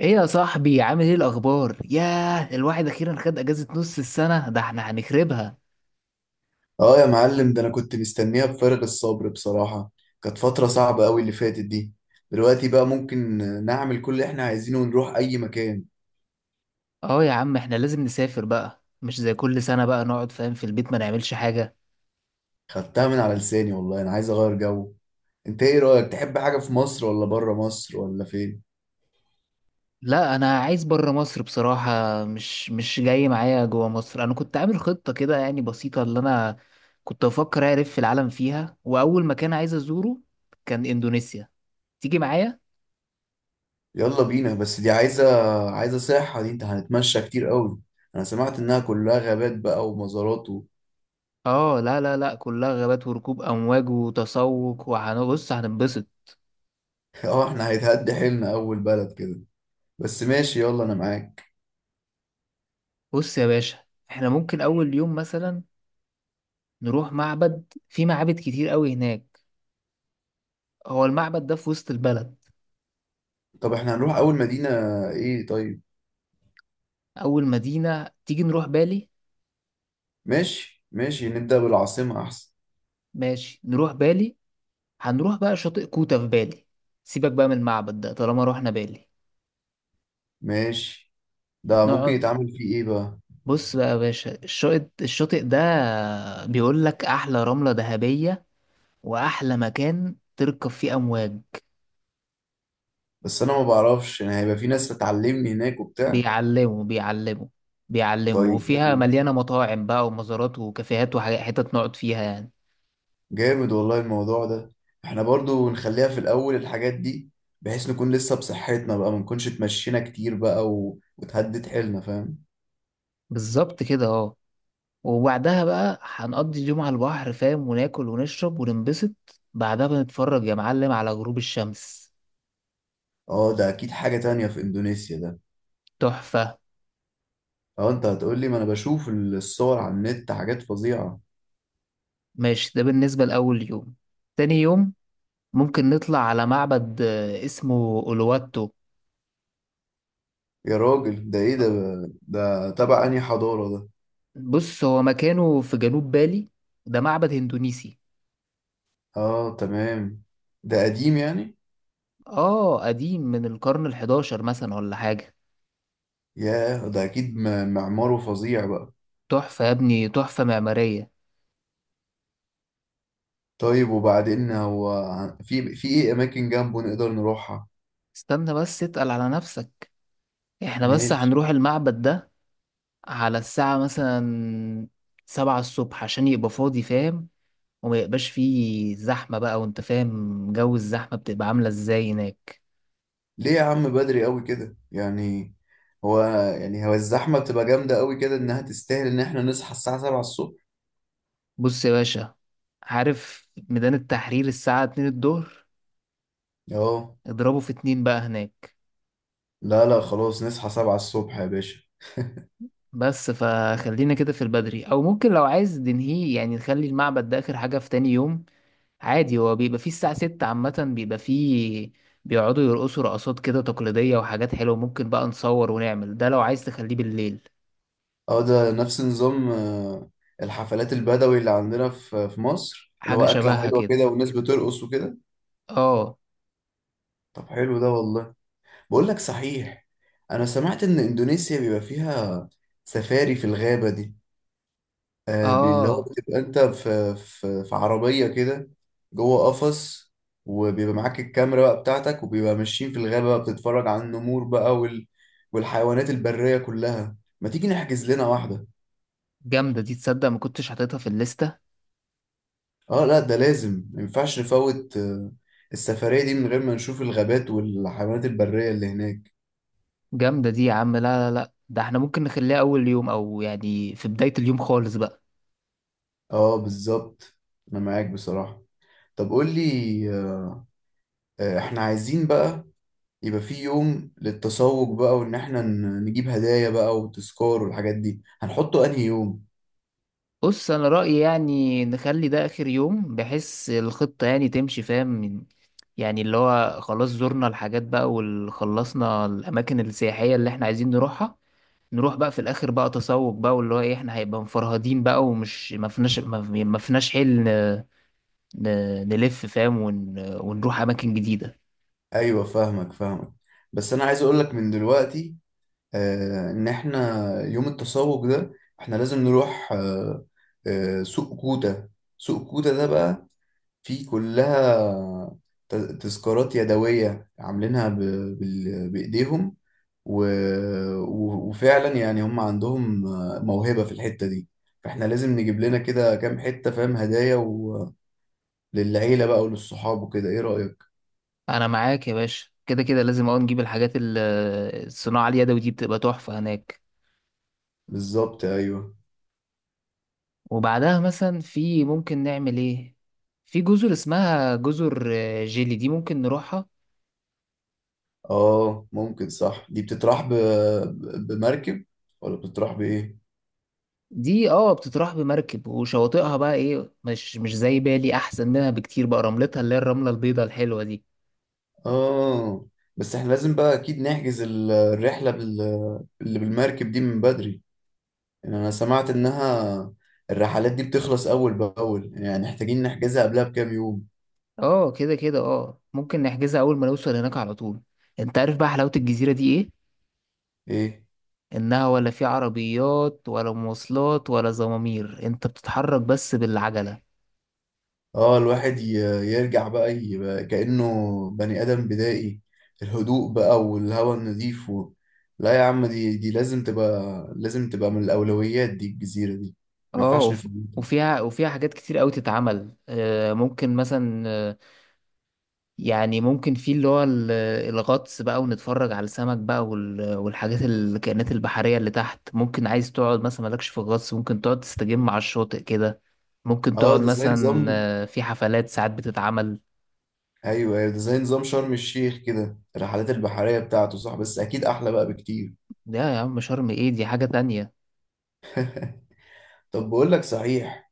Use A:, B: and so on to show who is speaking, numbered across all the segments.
A: ايه يا صاحبي، عامل ايه الاخبار؟ ياه، الواحد اخيرا خد اجازة نص السنة، ده احنا هنخربها.
B: اه يا معلم، ده انا كنت مستنيها بفارغ الصبر بصراحة. كانت فترة صعبة قوي اللي فاتت دي. دلوقتي بقى ممكن نعمل كل اللي احنا عايزينه ونروح اي مكان.
A: اه يا عم، احنا لازم نسافر بقى، مش زي كل سنة بقى نقعد فاهم في البيت ما نعملش حاجة.
B: خدتها من على لساني والله، انا عايز اغير جو. انت ايه رأيك؟ تحب حاجة في مصر ولا بره مصر ولا فين؟
A: لا انا عايز برا مصر بصراحة، مش جاي معايا جوا مصر. انا كنت عامل خطة كده يعني بسيطة اللي انا كنت بفكر اعرف في العالم فيها، واول مكان عايز ازوره كان اندونيسيا. تيجي معايا؟
B: يلا بينا، بس دي عايزة صحة دي، انت هنتمشى كتير قوي. انا سمعت انها كلها غابات بقى ومزارات
A: اه، لا لا لا، كلها غابات وركوب امواج وتسوق وهنبص هننبسط.
B: اه، احنا هيتهد حيلنا اول بلد كده. بس ماشي، يلا انا معاك.
A: بص يا باشا، احنا ممكن اول يوم مثلا نروح معبد، في معابد كتير قوي هناك، هو المعبد ده في وسط البلد.
B: طب احنا هنروح اول مدينة ايه؟ طيب
A: اول مدينة تيجي نروح بالي.
B: ماشي ماشي، نبدأ بالعاصمة أحسن.
A: ماشي، نروح بالي. هنروح بقى شاطئ كوتا في بالي، سيبك بقى من المعبد ده طالما روحنا بالي.
B: ماشي. ده ممكن
A: نقعد.
B: يتعمل فيه إيه بقى؟
A: بص بقى يا باشا، الشاطئ ده بيقول لك احلى رملة ذهبية واحلى مكان تركب فيه امواج.
B: بس أنا ما بعرفش، يعني هيبقى في ناس هتعلمني هناك وبتاع؟
A: بيعلموا بيعلموا بيعلموا،
B: طيب
A: وفيها
B: حلو،
A: مليانة مطاعم بقى ومزارات وكافيهات وحتت نقعد فيها يعني.
B: جامد والله الموضوع ده. إحنا برضو نخليها في الأول الحاجات دي، بحيث نكون لسه بصحتنا بقى، ما نكونش اتمشينا كتير بقى وتهدد حيلنا، فاهم.
A: بالظبط كده، اه. وبعدها بقى هنقضي اليوم على البحر فاهم وناكل ونشرب وننبسط. بعدها بنتفرج يا معلم على غروب الشمس.
B: اه ده أكيد حاجة تانية في إندونيسيا ده.
A: تحفة.
B: اه أنت هتقولي، ما أنا بشوف الصور على النت حاجات فظيعة.
A: ماشي، ده بالنسبة لأول يوم. تاني يوم ممكن نطلع على معبد، اسمه أولواتو.
B: يا راجل ده إيه ده؟ ده تبع أنهي حضارة ده؟
A: بص، هو مكانه في جنوب بالي. ده معبد اندونيسي.
B: اه تمام، ده قديم يعني.
A: اه قديم، من القرن الحداشر مثلا ولا حاجة.
B: ياه، ده اكيد معماره فظيع بقى.
A: تحفة يا ابني، تحفة معمارية.
B: طيب وبعدين هو في ايه اماكن جنبه نقدر نروحها؟
A: استنى بس، اتقل على نفسك. احنا بس
B: ماشي.
A: هنروح المعبد ده على الساعة مثلا 7 الصبح عشان يبقى فاضي فاهم، وما يبقاش فيه زحمة بقى، وانت فاهم جو الزحمة بتبقى عاملة ازاي هناك.
B: ليه يا عم بدري قوي كده يعني؟ هو، يعني هو الزحمه بتبقى جامده قوي كده انها تستاهل ان احنا نصحى الساعه 7 الصبح؟
A: بص يا باشا، عارف ميدان التحرير الساعة 2 الظهر؟
B: اه
A: اضربه في 2 بقى هناك.
B: لا لا، خلاص نصحى 7 الصبح يا باشا.
A: بس فخلينا كده في البدري، او ممكن لو عايز ننهيه يعني نخلي المعبد ده اخر حاجة في تاني يوم عادي. هو بيبقى فيه الساعة 6 عامة بيبقى فيه، بيقعدوا يرقصوا رقصات كده تقليدية وحاجات حلوة، ممكن بقى نصور ونعمل ده لو عايز تخليه بالليل.
B: اه ده نفس نظام الحفلات البدوي اللي عندنا في مصر، اللي هو
A: حاجة
B: اكله
A: شبهها
B: حلوه
A: كده،
B: كده والناس بترقص وكده.
A: اه.
B: طب حلو ده والله. بقول لك صحيح، انا سمعت ان اندونيسيا بيبقى فيها سفاري في الغابة دي، اللي هو
A: اه،
B: بتبقى انت في عربية كده، جوه قفص، وبيبقى معاك الكاميرا بقى بتاعتك، وبيبقى ماشيين في الغابة بقى بتتفرج على النمور بقى والحيوانات البرية كلها. ما تيجي نحجز لنا واحدة؟
A: جامدة دي. تصدق ما كنتش حاططها في الليستة.
B: اه لا، ده لازم، ما ينفعش نفوت السفرية دي من غير ما نشوف الغابات والحيوانات البرية اللي هناك.
A: جامدة دي يا عم، لا لا لا، ده احنا ممكن نخليها أول يوم أو يعني في بداية اليوم خالص بقى.
B: اه بالظبط، انا معاك بصراحة. طب قول لي، احنا عايزين بقى يبقى في يوم للتسوق بقى، وان احنا نجيب هدايا بقى وتذكار والحاجات دي، هنحطه انهي يوم؟
A: بص، انا رأيي يعني نخلي ده اخر يوم بحيث الخطة يعني تمشي فاهم يعني اللي هو خلاص زرنا الحاجات بقى وخلصنا الاماكن السياحية اللي احنا عايزين نروحها. نروح بقى في الاخر بقى تسوق بقى، واللي هو ايه احنا هيبقى مفرهدين بقى، ومش ما فيناش ما فيناش حل نلف فاهم ونروح اماكن جديدة.
B: ايوه فاهمك، بس انا عايز اقولك من دلوقتي، ان احنا يوم التسوق ده، احنا لازم نروح سوق كوتا. سوق كوتا ده بقى، في كلها تذكارات يدوية، عاملينها بإيديهم، و... وفعلا يعني هم عندهم موهبة في الحتة دي، فاحنا لازم نجيب لنا كده كام حتة، فاهم، هدايا للعيلة بقى وللصحاب وكده، ايه رأيك؟
A: انا معاك يا باشا، كده كده لازم اول نجيب الحاجات الصناعة اليدوي دي بتبقى تحفة هناك.
B: بالظبط ايوه.
A: وبعدها مثلا في ممكن نعمل ايه؟ في جزر اسمها جزر جيلي، دي ممكن نروحها.
B: اه ممكن، صح، دي بتتراح بمركب ولا بتتراح بإيه؟
A: دي اه بتتراح بمركب، وشواطئها بقى ايه، مش زي بالي، احسن منها بكتير بقى، رملتها اللي هي الرملة البيضاء الحلوة دي.
B: اه بس احنا لازم بقى اكيد نحجز الرحلة اللي بالمركب دي من بدري، يعني انا سمعت انها الرحلات دي بتخلص اول باول، يعني محتاجين نحجزها قبلها بكام يوم.
A: اه، كده كده اه ممكن نحجزها اول ما نوصل هناك على طول. انت عارف بقى حلاوة الجزيرة دي ايه؟
B: ايه.
A: انها ولا في عربيات ولا مواصلات ولا زمامير، انت بتتحرك بس بالعجلة.
B: اه الواحد يرجع بقى يبقى كأنه بني ادم بدائي، الهدوء بقى والهواء النظيف لا يا عم، دي لازم تبقى، لازم تبقى من الاولويات دي الجزيرة دي، ما
A: اه
B: ينفعش نفوتها.
A: وفيها حاجات كتير قوي تتعمل، ممكن مثلا يعني ممكن في اللي هو الغطس بقى ونتفرج على السمك بقى والحاجات الكائنات البحرية اللي تحت. ممكن عايز تقعد مثلا مالكش في الغطس، ممكن تقعد تستجم على الشاطئ كده. ممكن
B: اه
A: تقعد
B: ده زي نظام،
A: مثلا في حفلات ساعات بتتعمل.
B: ايوه ايوه، ده زي نظام شرم الشيخ كده الرحلات البحرية بتاعته صح، بس اكيد احلى بقى بكتير.
A: لا يا عم، شرم ايه، دي حاجة تانية.
B: طب بقول لك صحيح،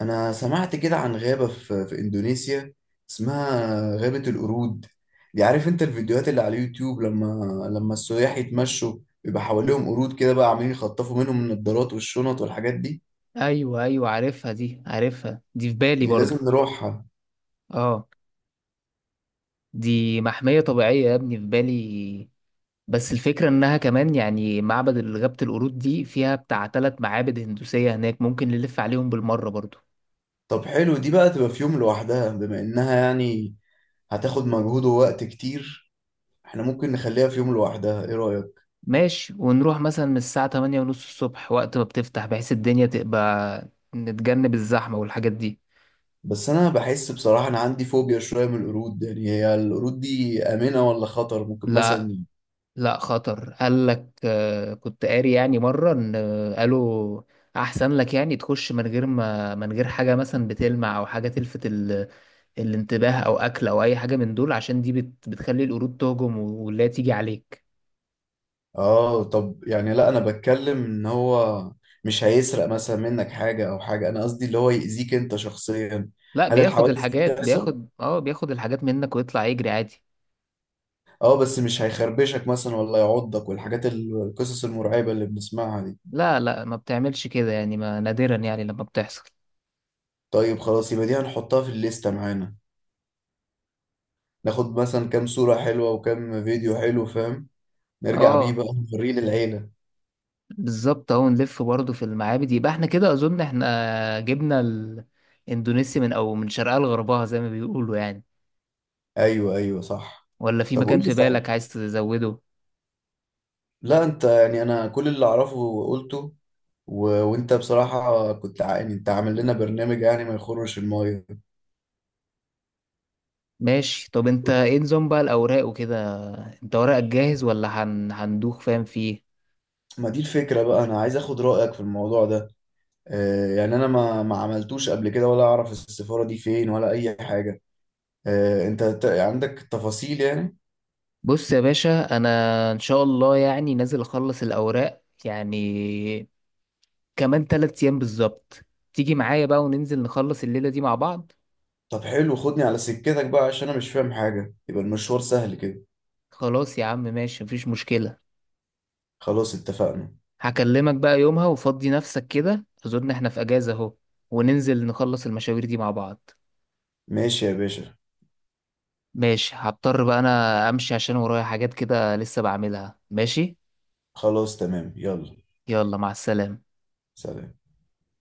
B: أنا سمعت كده عن غابة في, في إندونيسيا، اسمها غابة القرود. دي عارف أنت الفيديوهات اللي على اليوتيوب، لما لما السياح يتمشوا بيبقى حواليهم قرود كده بقى عاملين يخطفوا منهم النضارات والشنط والحاجات دي،
A: ايوه ايوه، عارفها دي، عارفها دي في بالي
B: دي
A: برضو.
B: لازم نروحها.
A: اه، دي محمية طبيعية يا ابني في بالي. بس الفكرة إنها كمان يعني معبد غابة القرود دي فيها بتاع تلات معابد هندوسية هناك، ممكن نلف عليهم بالمرة برضو.
B: طب حلو، دي بقى تبقى في يوم لوحدها، بما إنها يعني هتاخد مجهود ووقت كتير، احنا ممكن نخليها في يوم لوحدها، ايه رأيك؟
A: ماشي، ونروح مثلا من الساعة 8:30 الصبح وقت ما بتفتح بحيث الدنيا تبقى، نتجنب الزحمة والحاجات دي.
B: بس انا بحس بصراحة، انا عندي فوبيا شوية من القرود، يعني هي القرود دي آمنة ولا خطر ممكن
A: لا
B: مثلا؟
A: لا، خطر قال لك، كنت قاري يعني مرة ان قالوا احسن لك يعني تخش من غير ما من غير حاجة مثلا بتلمع او حاجة تلفت الانتباه او اكل او اي حاجة من دول، عشان دي بتخلي القرود تهجم ولا تيجي عليك.
B: اه طب يعني، لا انا بتكلم ان هو مش هيسرق مثلا منك حاجة او حاجة، انا قصدي اللي هو يأذيك انت شخصيا.
A: لا،
B: هل الحوادث دي بتحصل؟
A: بياخد الحاجات منك ويطلع يجري عادي.
B: اه بس مش هيخربشك مثلا ولا يعضك والحاجات القصص المرعبة اللي بنسمعها دي.
A: لا لا، ما بتعملش كده يعني، ما نادرا يعني لما بتحصل.
B: طيب خلاص، يبقى دي هنحطها في الليستة معانا، ناخد مثلا كام صورة حلوة وكام فيديو حلو، فاهم، نرجع بيه
A: اه
B: بقى، نوريه للعيلة.
A: بالظبط، اهو نلف برضه في المعابد، يبقى احنا كده اظن احنا جبنا الاندونيسي من شرقها لغربها زي ما بيقولوا يعني.
B: ايوه ايوه صح.
A: ولا في
B: طب قول
A: مكان
B: لي
A: في
B: صحيح،
A: بالك عايز تزوده؟
B: لا انت يعني، انا كل اللي اعرفه قلته، وانت بصراحة كنت يعني انت عامل لنا برنامج يعني ما يخرش المايه.
A: ماشي، طب انت ايه نظام بقى الاوراق وكده؟ انت ورقك جاهز ولا هندوخ فاهم فيه؟
B: ما دي الفكرة بقى، انا عايز اخد رأيك في الموضوع ده، آه يعني انا ما عملتوش قبل كده، ولا اعرف السفارة دي فين ولا اي حاجة، آه انت عندك تفاصيل يعني؟
A: بص يا باشا، انا ان شاء الله يعني نازل اخلص الاوراق يعني كمان 3 ايام بالظبط. تيجي معايا بقى وننزل نخلص الليلة دي مع بعض.
B: طب حلو، خدني على سكتك بقى، عشان انا مش فاهم حاجة، يبقى المشوار سهل كده.
A: خلاص يا عم، ماشي، مفيش مشكلة.
B: خلاص اتفقنا.
A: هكلمك بقى يومها وفضي نفسك كده، اظن احنا في اجازة اهو، وننزل نخلص المشاوير دي مع بعض.
B: ماشي يا باشا.
A: ماشي، هضطر بقى انا امشي عشان ورايا حاجات كده لسه بعملها. ماشي،
B: خلاص تمام، يلا.
A: يلا، مع السلامة.
B: سلام.